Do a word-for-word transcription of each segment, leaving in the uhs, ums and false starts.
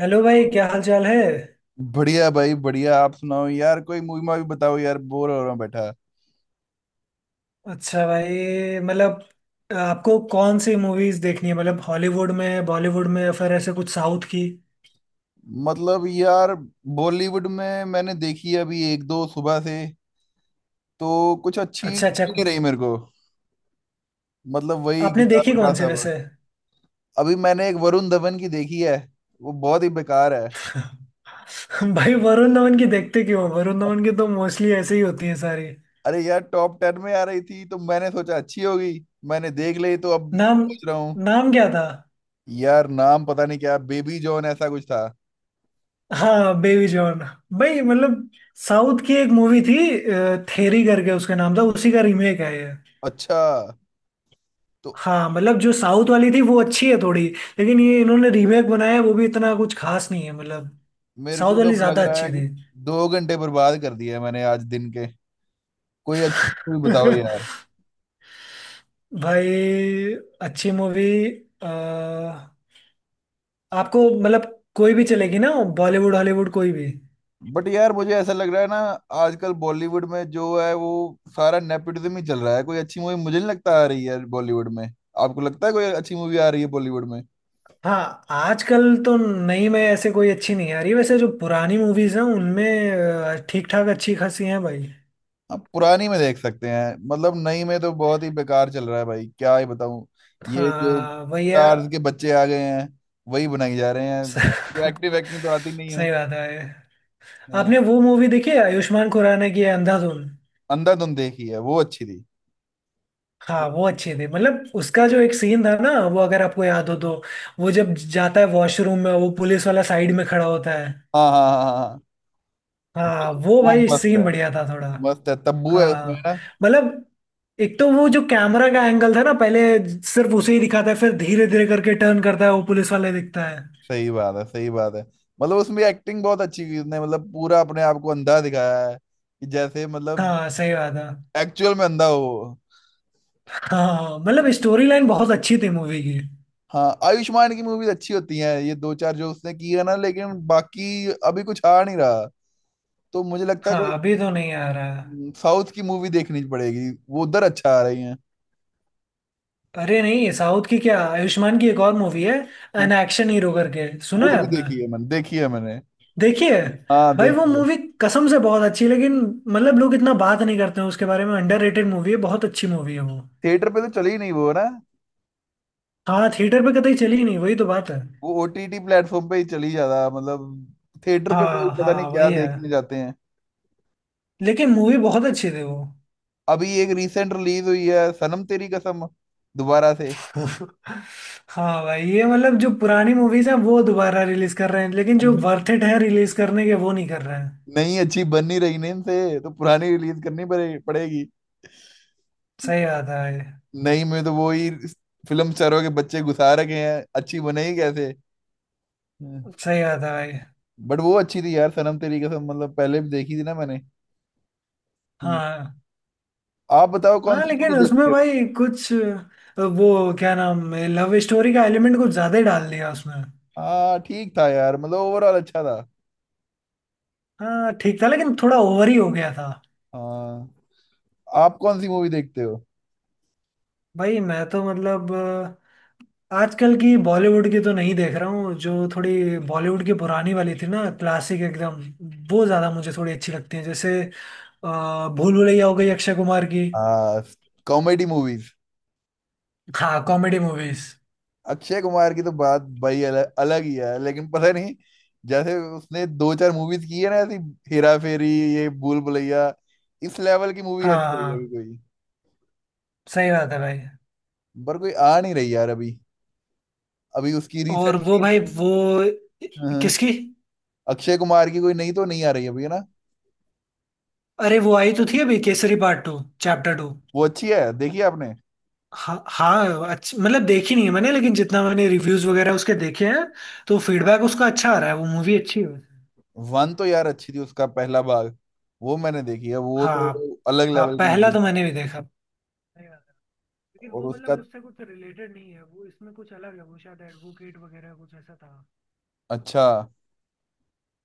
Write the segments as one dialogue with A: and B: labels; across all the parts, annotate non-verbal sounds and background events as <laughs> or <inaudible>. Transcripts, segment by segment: A: Hello भाई, क्या हाल चाल है।
B: बढ़िया भाई बढ़िया। आप सुनाओ यार, कोई मूवी मावी बताओ यार, बोर हो रहा हूँ बैठा।
A: अच्छा भाई, मतलब आपको कौन सी मूवीज देखनी है? मतलब हॉलीवुड में, बॉलीवुड में, या फिर ऐसे कुछ साउथ की।
B: मतलब यार, बॉलीवुड में मैंने देखी है अभी एक दो सुबह से तो कुछ अच्छी
A: अच्छा अच्छा।
B: लगी नहीं रही मेरे को। मतलब वही
A: आपने
B: घिसा
A: देखी
B: पिटा
A: कौन सी
B: सब।
A: वैसे?
B: अभी मैंने एक वरुण धवन की देखी है, वो बहुत ही बेकार है।
A: <laughs> भाई वरुण धवन की देखते क्यों? वरुण धवन की तो मोस्टली ऐसे ही होती है सारी।
B: अरे यार, टॉप टेन में आ रही थी तो मैंने सोचा अच्छी होगी, मैंने देख ली, तो अब
A: नाम?
B: सोच रहा हूँ।
A: नाम क्या था?
B: यार नाम पता नहीं, क्या बेबी जॉन ऐसा कुछ था।
A: हाँ बेबी जॉन। भाई मतलब साउथ की एक मूवी थी, थेरी करके उसका नाम था। उसी का रीमेक है ये।
B: अच्छा तो।
A: हाँ मतलब जो साउथ वाली थी वो अच्छी है थोड़ी। लेकिन ये इन्होंने रीमेक बनाया है, वो भी इतना कुछ खास नहीं है मतलब।
B: मेरे
A: साउथ
B: को तो
A: वाली
B: अब लग
A: ज्यादा
B: रहा
A: अच्छी
B: है कि
A: थी।
B: दो घंटे बर्बाद कर दिए मैंने आज दिन के। कोई अच्छी मूवी बताओ यार।
A: <laughs> भाई, अच्छी मूवी, आपको, मतलब कोई भी चलेगी ना, बॉलीवुड हॉलीवुड कोई भी।
B: बट यार मुझे ऐसा लग रहा है ना, आजकल बॉलीवुड में जो है वो सारा नेपोटिज्म ही चल रहा है। कोई अच्छी मूवी मुझे नहीं लगता आ रही है बॉलीवुड में। आपको लगता है कोई अच्छी मूवी आ रही है बॉलीवुड में?
A: हाँ आजकल तो नहीं में ऐसे कोई अच्छी नहीं आ रही, वैसे जो पुरानी मूवीज हैं उनमें ठीक ठाक अच्छी खासी हैं भाई।
B: आप पुरानी में देख सकते हैं, मतलब नई में तो बहुत ही बेकार चल रहा है भाई, क्या ही बताऊं। ये जो
A: हाँ भैया।
B: स्टार्स के बच्चे आ गए हैं, वही बनाई जा रहे हैं। जो एक्टिव एक्टिंग तो आती
A: <laughs>
B: नहीं है।
A: सही बात है।
B: हाँ।
A: आपने वो मूवी देखी है आयुष्मान खुराना की है, अंधाधुन?
B: अंधाधुन देखी है, वो अच्छी
A: हाँ वो
B: थी।
A: अच्छी थी। मतलब उसका जो एक सीन था ना वो अगर आपको याद हो तो, वो जब जाता है वॉशरूम में, वो पुलिस वाला साइड में खड़ा होता है।
B: हाँ हाँ हाँ हाँ, हाँ।
A: हाँ वो
B: वो
A: भाई
B: मस्त
A: सीन
B: है।
A: बढ़िया था थोड़ा।
B: मस्त है, तब्बू है उसमें
A: हाँ
B: ना।
A: मतलब एक तो वो जो कैमरा का एंगल था ना, पहले सिर्फ उसे ही दिखाता है, फिर धीरे धीरे करके टर्न करता है, वो पुलिस वाले दिखता है।
B: सही बात है, सही बात है। मतलब उसमें एक्टिंग बहुत अच्छी की उसने, मतलब पूरा अपने आप को अंधा दिखाया है कि जैसे मतलब
A: हाँ सही बात है।
B: एक्चुअल में अंधा हो वो।
A: हाँ मतलब स्टोरी लाइन बहुत अच्छी थी मूवी की।
B: हाँ आयुष्मान की मूवीज अच्छी होती हैं, ये दो चार जो उसने की है ना, लेकिन बाकी अभी कुछ आ नहीं रहा। तो मुझे लगता है
A: हाँ
B: कोई
A: अभी तो नहीं आ रहा है।
B: साउथ की मूवी देखनी पड़ेगी, वो उधर अच्छा आ रही है।
A: अरे नहीं साउथ की क्या, आयुष्मान की एक और मूवी है,
B: हाँ,
A: एन एक्शन हीरो करके, सुना
B: वो
A: है
B: भी
A: आपने?
B: देखी है मैंने देखी है मैंने
A: देखिए
B: हाँ
A: भाई वो
B: देखी है।
A: मूवी कसम से बहुत अच्छी है, लेकिन मतलब लोग इतना बात नहीं करते हैं उसके बारे में। अंडररेटेड मूवी है, बहुत अच्छी मूवी है वो।
B: थिएटर पे तो चली नहीं वो ना।
A: हाँ थिएटर पे कतई चली ही नहीं, वही तो बात है।
B: वो ओटीटी प्लेटफॉर्म पे ही चली ज्यादा, मतलब थिएटर पे लोग
A: हाँ
B: पता नहीं
A: हाँ
B: क्या
A: वही है।
B: देखने जाते हैं।
A: लेकिन मूवी बहुत अच्छी थी वो।
B: अभी एक रिसेंट रिलीज हुई है सनम तेरी कसम, दोबारा से।
A: <laughs> हाँ भाई ये मतलब जो पुरानी मूवीज हैं वो दोबारा रिलीज कर रहे हैं, लेकिन जो वर्थ इट है रिलीज करने के, वो नहीं कर रहे हैं।
B: नहीं अच्छी बन नहीं रही ना इनसे, तो पुरानी रिलीज करनी पड़े, पड़ेगी
A: सही बात है भाई।
B: नहीं में तो वो ही फिल्म स्टारों के बच्चे घुसा रखे हैं, अच्छी बनेगी कैसे।
A: सही बात है भाई।
B: बट वो अच्छी थी यार सनम तेरी कसम, मतलब पहले भी देखी थी ना मैंने। हम्म।
A: हाँ
B: आप बताओ कौन
A: हाँ
B: सी
A: लेकिन
B: मूवी
A: उसमें
B: देखते हो?
A: भाई कुछ अ, वो क्या नाम है, लव स्टोरी का एलिमेंट कुछ ज्यादा ही डाल दिया उसमें।
B: हाँ ठीक था यार, मतलब ओवरऑल अच्छा था।
A: हाँ ठीक था लेकिन थोड़ा ओवर ही हो गया था।
B: हाँ। आप कौन सी मूवी देखते हो?
A: भाई मैं तो मतलब अ, आजकल की बॉलीवुड की तो नहीं देख रहा हूँ, जो थोड़ी बॉलीवुड की पुरानी वाली थी ना, क्लासिक एकदम, वो ज्यादा मुझे थोड़ी अच्छी लगती है, जैसे अ, भूल भुलैया हो गई अक्षय कुमार की।
B: हाँ कॉमेडी मूवीज।
A: हाँ कॉमेडी मूवीज।
B: अक्षय कुमार की तो बात भाई अलग, अलग ही है, लेकिन पता नहीं। जैसे उसने दो चार मूवीज की है ना ऐसी, हेरा फेरी, ये भूल भुलैया, इस लेवल की मूवी
A: हाँ
B: आनी चाहिए अभी
A: हाँ
B: कोई।
A: सही बात है भाई।
B: पर कोई आ नहीं रही यार अभी। अभी उसकी रिसेंट।
A: और वो भाई वो, किसकी?
B: अक्षय कुमार की कोई नहीं, तो नहीं आ रही अभी है ना।
A: अरे वो आई तो थी अभी, Kesari part two, chapter two.
B: वो अच्छी है, देखी है आपने?
A: हाँ हाँ। अच्छा मतलब देखी नहीं है मैंने, लेकिन जितना मैंने रिव्यूज वगैरह उसके देखे हैं, तो फीडबैक उसका अच्छा आ रहा है, वो मूवी अच्छी है वैसे।
B: वन तो यार अच्छी थी उसका पहला भाग, वो मैंने देखी है, वो तो
A: हाँ
B: अलग
A: हाँ
B: लेवल की
A: पहला
B: मूवी।
A: तो मैंने भी देखा। सही बात है। लेकिन
B: और
A: वो
B: उसका।
A: मतलब उससे कुछ रिलेटेड नहीं है, वो इसमें कुछ अलग है, वो शायद एडवोकेट वगैरह कुछ ऐसा था।
B: अच्छा।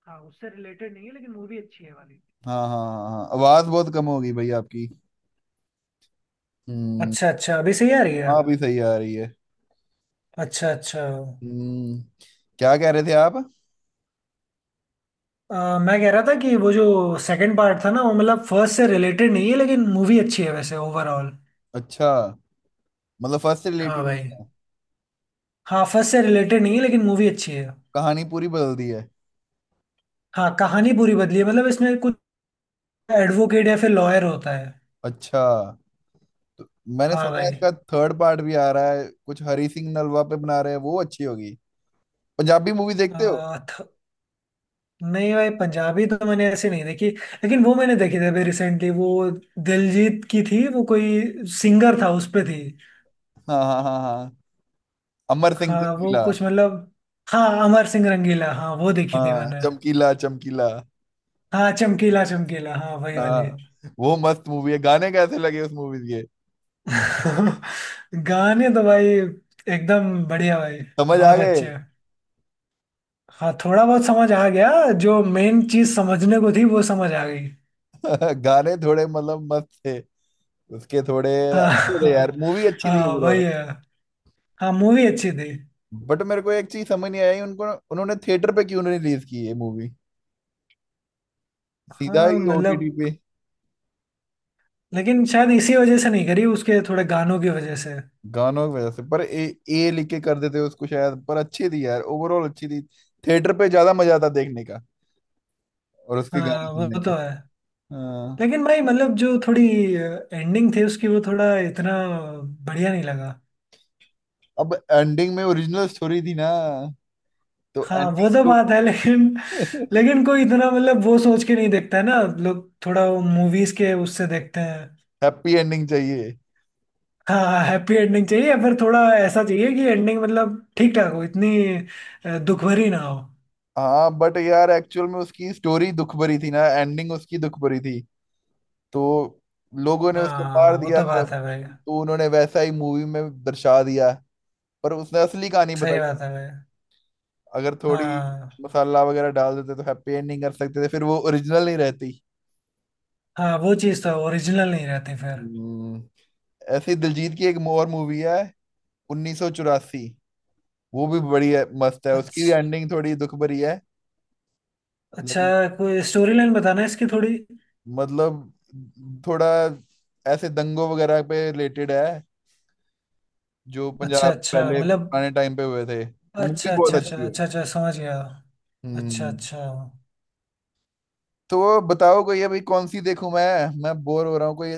A: हाँ उससे रिलेटेड नहीं है लेकिन मूवी अच्छी है वाली।
B: हाँ हाँ हाँ हाँ आवाज बहुत कम होगी भाई आपकी। हम्म।
A: अच्छा अच्छा अभी सही आ रही है।
B: हाँ अभी सही आ रही है।
A: अच्छा अच्छा।
B: हम्म, क्या कह रहे थे आप?
A: अ, मैं कह रहा था कि वो जो सेकंड पार्ट था ना, वो मतलब फर्स्ट से रिलेटेड नहीं है, लेकिन मूवी अच्छी है वैसे ओवरऑल।
B: अच्छा, मतलब फर्स्ट से
A: हाँ
B: रिलेटेड
A: भाई।
B: नहीं था।
A: हाफज से रिलेटेड नहीं है लेकिन मूवी अच्छी है।
B: कहानी पूरी बदल दी है।
A: हाँ कहानी पूरी बदली है, मतलब इसमें कुछ एडवोकेट या फिर लॉयर होता है।
B: अच्छा, मैंने
A: हाँ
B: सुना है
A: भाई।
B: इसका थर्ड पार्ट भी आ रहा है, कुछ हरी सिंह नलवा पे बना रहे हैं, वो अच्छी होगी। पंजाबी मूवी देखते हो?
A: आ, थ, नहीं भाई पंजाबी तो मैंने ऐसे नहीं देखी। लेकिन वो मैंने देखी थी अभी रिसेंटली, वो दिलजीत की थी, वो कोई सिंगर था उस पे थी।
B: हाँ हाँ हाँ हाँ, अमर सिंह
A: हाँ वो
B: चमकीला।
A: कुछ मतलब, हाँ अमर सिंह रंगीला, हाँ वो देखी थी
B: हाँ,
A: मैंने।
B: चमकीला चमकीला।
A: हाँ चमकीला चमकीला, हाँ वही वाली।
B: हाँ वो मस्त मूवी है। गाने कैसे लगे उस मूवी के?
A: <laughs> गाने तो भाई एकदम बढ़िया भाई,
B: समझ आ
A: बहुत
B: गए।
A: अच्छे। हाँ थोड़ा बहुत समझ आ गया, जो मेन चीज समझने को थी वो समझ आ गई।
B: <laughs> गाने थोड़े मतलब मस्त थे उसके थोड़े,
A: हाँ
B: अच्छे थे
A: हाँ।
B: यार, मूवी अच्छी थी
A: हाँ
B: ओवरऑल।
A: वही है। हाँ मूवी अच्छी थी।
B: बट मेरे को एक चीज समझ नहीं आई उनको, उन्होंने थिएटर पे क्यों नहीं रिलीज की ये मूवी, सीधा
A: हाँ
B: ही ओटीटी
A: मतलब
B: पे।
A: लेकिन शायद इसी वजह से नहीं करी, उसके थोड़े गानों की वजह से।
B: गानों की वजह से, पर ए, ए लिख के कर देते उसको शायद, पर अच्छी थी यार, ओवरऑल अच्छी थी। थिएटर पे ज्यादा मजा आता देखने का और उसके गाने
A: हाँ वो
B: सुनने का।
A: तो है।
B: हाँ।
A: लेकिन भाई मतलब जो थोड़ी एंडिंग थी उसकी, वो थोड़ा इतना बढ़िया नहीं लगा।
B: अब एंडिंग में ओरिजिनल स्टोरी थी ना, तो
A: हाँ वो
B: एंडिंग
A: तो
B: तो।
A: बात है लेकिन,
B: <laughs>
A: लेकिन कोई इतना मतलब वो सोच के नहीं देखता है ना लोग, थोड़ा वो मूवीज के उससे देखते हैं।
B: हैप्पी एंडिंग चाहिए।
A: हाँ हैप्पी एंडिंग चाहिए, या फिर थोड़ा ऐसा चाहिए कि एंडिंग मतलब ठीक ठाक हो इतनी, अ, दुख भरी ना हो।
B: हाँ बट यार एक्चुअल में उसकी स्टोरी दुख भरी थी ना, एंडिंग उसकी दुख भरी थी, तो लोगों ने उसको
A: हाँ
B: मार
A: वो
B: दिया,
A: तो बात है भाई।
B: तो उन्होंने वैसा ही मूवी में दर्शा दिया। पर उसने असली कहानी
A: सही
B: बताई।
A: बात है भाई।
B: अगर थोड़ी
A: हाँ
B: मसाला वगैरह डाल देते तो हैप्पी एंडिंग कर सकते थे, फिर वो ओरिजिनल नहीं रहती।
A: हाँ वो चीज़ तो ओरिजिनल नहीं रहती फिर।
B: हम्म, ऐसे ही दिलजीत की एक और मूवी है उन्नीस सौ चौरासी, वो भी बड़ी है, मस्त है, उसकी भी
A: अच्छा
B: एंडिंग थोड़ी दुख भरी है।
A: अच्छा।
B: लेकिन
A: कोई स्टोरी लाइन बताना है इसकी थोड़ी?
B: मतलब थोड़ा ऐसे दंगों वगैरह पे रिलेटेड है, जो
A: अच्छा
B: पंजाब
A: अच्छा
B: पहले
A: मतलब।
B: पुराने टाइम पे हुए थे, तो मूवी
A: अच्छा अच्छा
B: बहुत
A: अच्छा
B: अच्छी है।
A: अच्छा अच्छा समझ गया। अच्छा
B: हम्म।
A: अच्छा।
B: तो बताओ कोई अभी कौन सी देखूं मैं मैं बोर हो रहा हूँ, कोई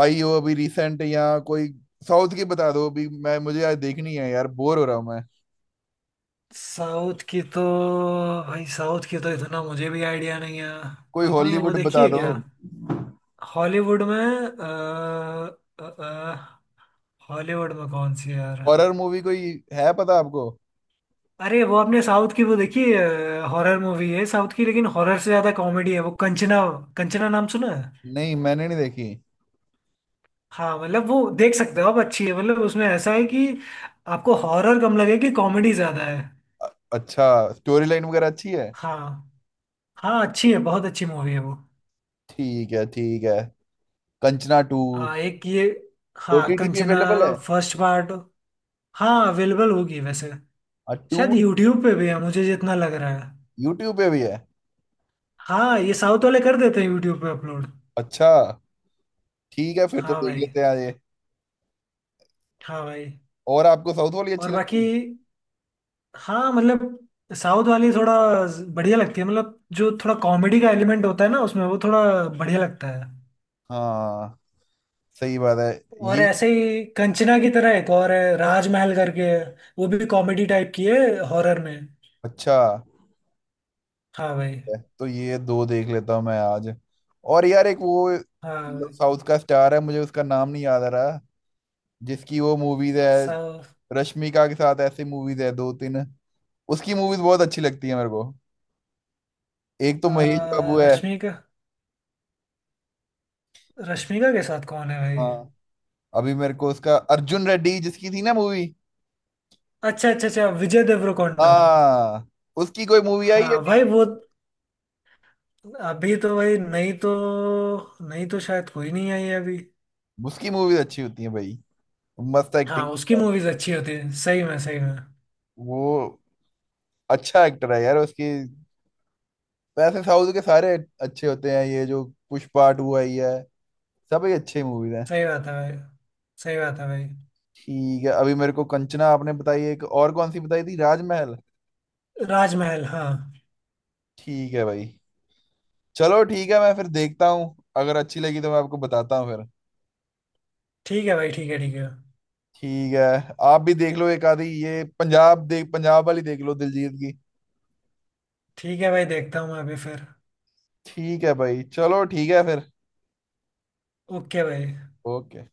B: आई हो अभी रिसेंट या कोई साउथ की बता दो अभी, मैं मुझे यार देखनी है यार, बोर हो रहा हूँ मैं।
A: साउथ की तो भाई, साउथ की तो इतना मुझे भी आइडिया नहीं है।
B: कोई
A: आपने वो
B: हॉलीवुड
A: देखी
B: बता
A: है
B: दो।
A: क्या? हॉलीवुड में अ, अ, अ, हॉलीवुड में कौन सी है यार?
B: हॉरर मूवी कोई है पता आपको?
A: अरे वो आपने साउथ की वो देखी, हॉरर मूवी है साउथ की, लेकिन हॉरर से ज्यादा कॉमेडी है वो, कंचना। कंचना नाम सुना है?
B: नहीं मैंने नहीं देखी।
A: हाँ मतलब वो देख सकते हो आप, अच्छी है। मतलब उसमें ऐसा है कि आपको हॉरर कम लगे कि कॉमेडी ज्यादा है।
B: अ- अच्छा, स्टोरी लाइन वगैरह अच्छी है?
A: हाँ हाँ अच्छी है, बहुत अच्छी मूवी है वो।
B: ठीक है ठीक है। कंचना टू।
A: हाँ एक ये, हाँ
B: ओटीटी पे
A: कंचना,
B: अवेलेबल है?
A: फर्स्ट पार्ट, हाँ अवेलेबल होगी वैसे।
B: टू।
A: शायद यूट्यूब पे भी है मुझे जितना लग रहा है।
B: यूट्यूब पे भी है?
A: हाँ ये साउथ वाले कर देते हैं यूट्यूब पे अपलोड।
B: अच्छा, ठीक है फिर तो
A: हाँ
B: देख
A: भाई।
B: लेते हैं ये।
A: हाँ भाई।
B: और आपको साउथ वाली अच्छी
A: और बाकी,
B: लगती है?
A: हाँ मतलब साउथ वाली थोड़ा बढ़िया लगती है, मतलब जो थोड़ा कॉमेडी का एलिमेंट होता है ना उसमें, वो थोड़ा बढ़िया लगता है।
B: हाँ सही बात है।
A: और
B: ये।
A: ऐसे ही कंचना की तरह एक और है, राजमहल करके है, वो भी कॉमेडी टाइप की है, हॉरर में।
B: अच्छा
A: हाँ भाई।
B: तो ये दो देख लेता हूँ मैं आज। और यार एक वो
A: हाँ भाई।
B: साउथ का स्टार है, मुझे उसका नाम नहीं याद आ रहा, जिसकी वो मूवीज है,
A: साउथ।
B: रश्मिका के साथ ऐसी मूवीज है दो तीन, उसकी मूवीज बहुत अच्छी लगती है मेरे को। एक तो महेश
A: आ,
B: बाबू है।
A: रश्मिका, रश्मिका के साथ कौन है भाई?
B: हाँ। अभी मेरे को उसका अर्जुन रेड्डी जिसकी थी ना मूवी।
A: अच्छा अच्छा अच्छा, विजय देवरकोंडा।
B: हाँ, उसकी कोई मूवी आई है
A: हाँ भाई
B: नहीं?
A: वो, अभी तो भाई नहीं तो, नहीं तो शायद कोई नहीं आई है अभी।
B: उसकी मूवीज अच्छी होती है भाई, मस्त
A: हाँ
B: एक्टिंग।
A: उसकी मूवीज अच्छी होती है सही में सही में।
B: वो अच्छा एक्टर है यार, उसकी। वैसे साउथ के सारे अच्छे होते हैं। ये जो पुष्पा टू आई है, सब ही अच्छी मूवीज हैं।
A: सही बात है भाई। सही बात है भाई।
B: ठीक है, अभी मेरे को कंचना आपने बताई, एक और कौन सी बताई थी, राजमहल।
A: राजमहल हाँ।
B: ठीक है भाई, चलो ठीक है, मैं फिर देखता हूँ, अगर अच्छी लगी तो मैं आपको बताता हूँ फिर।
A: ठीक है भाई, ठीक है ठीक है।
B: ठीक है। आप भी देख लो एक आधी, ये पंजाब देख, पंजाब वाली देख लो दिलजीत की।
A: ठीक है भाई देखता हूँ मैं अभी फिर।
B: ठीक है भाई, चलो ठीक है फिर।
A: ओके भाई।
B: ओके।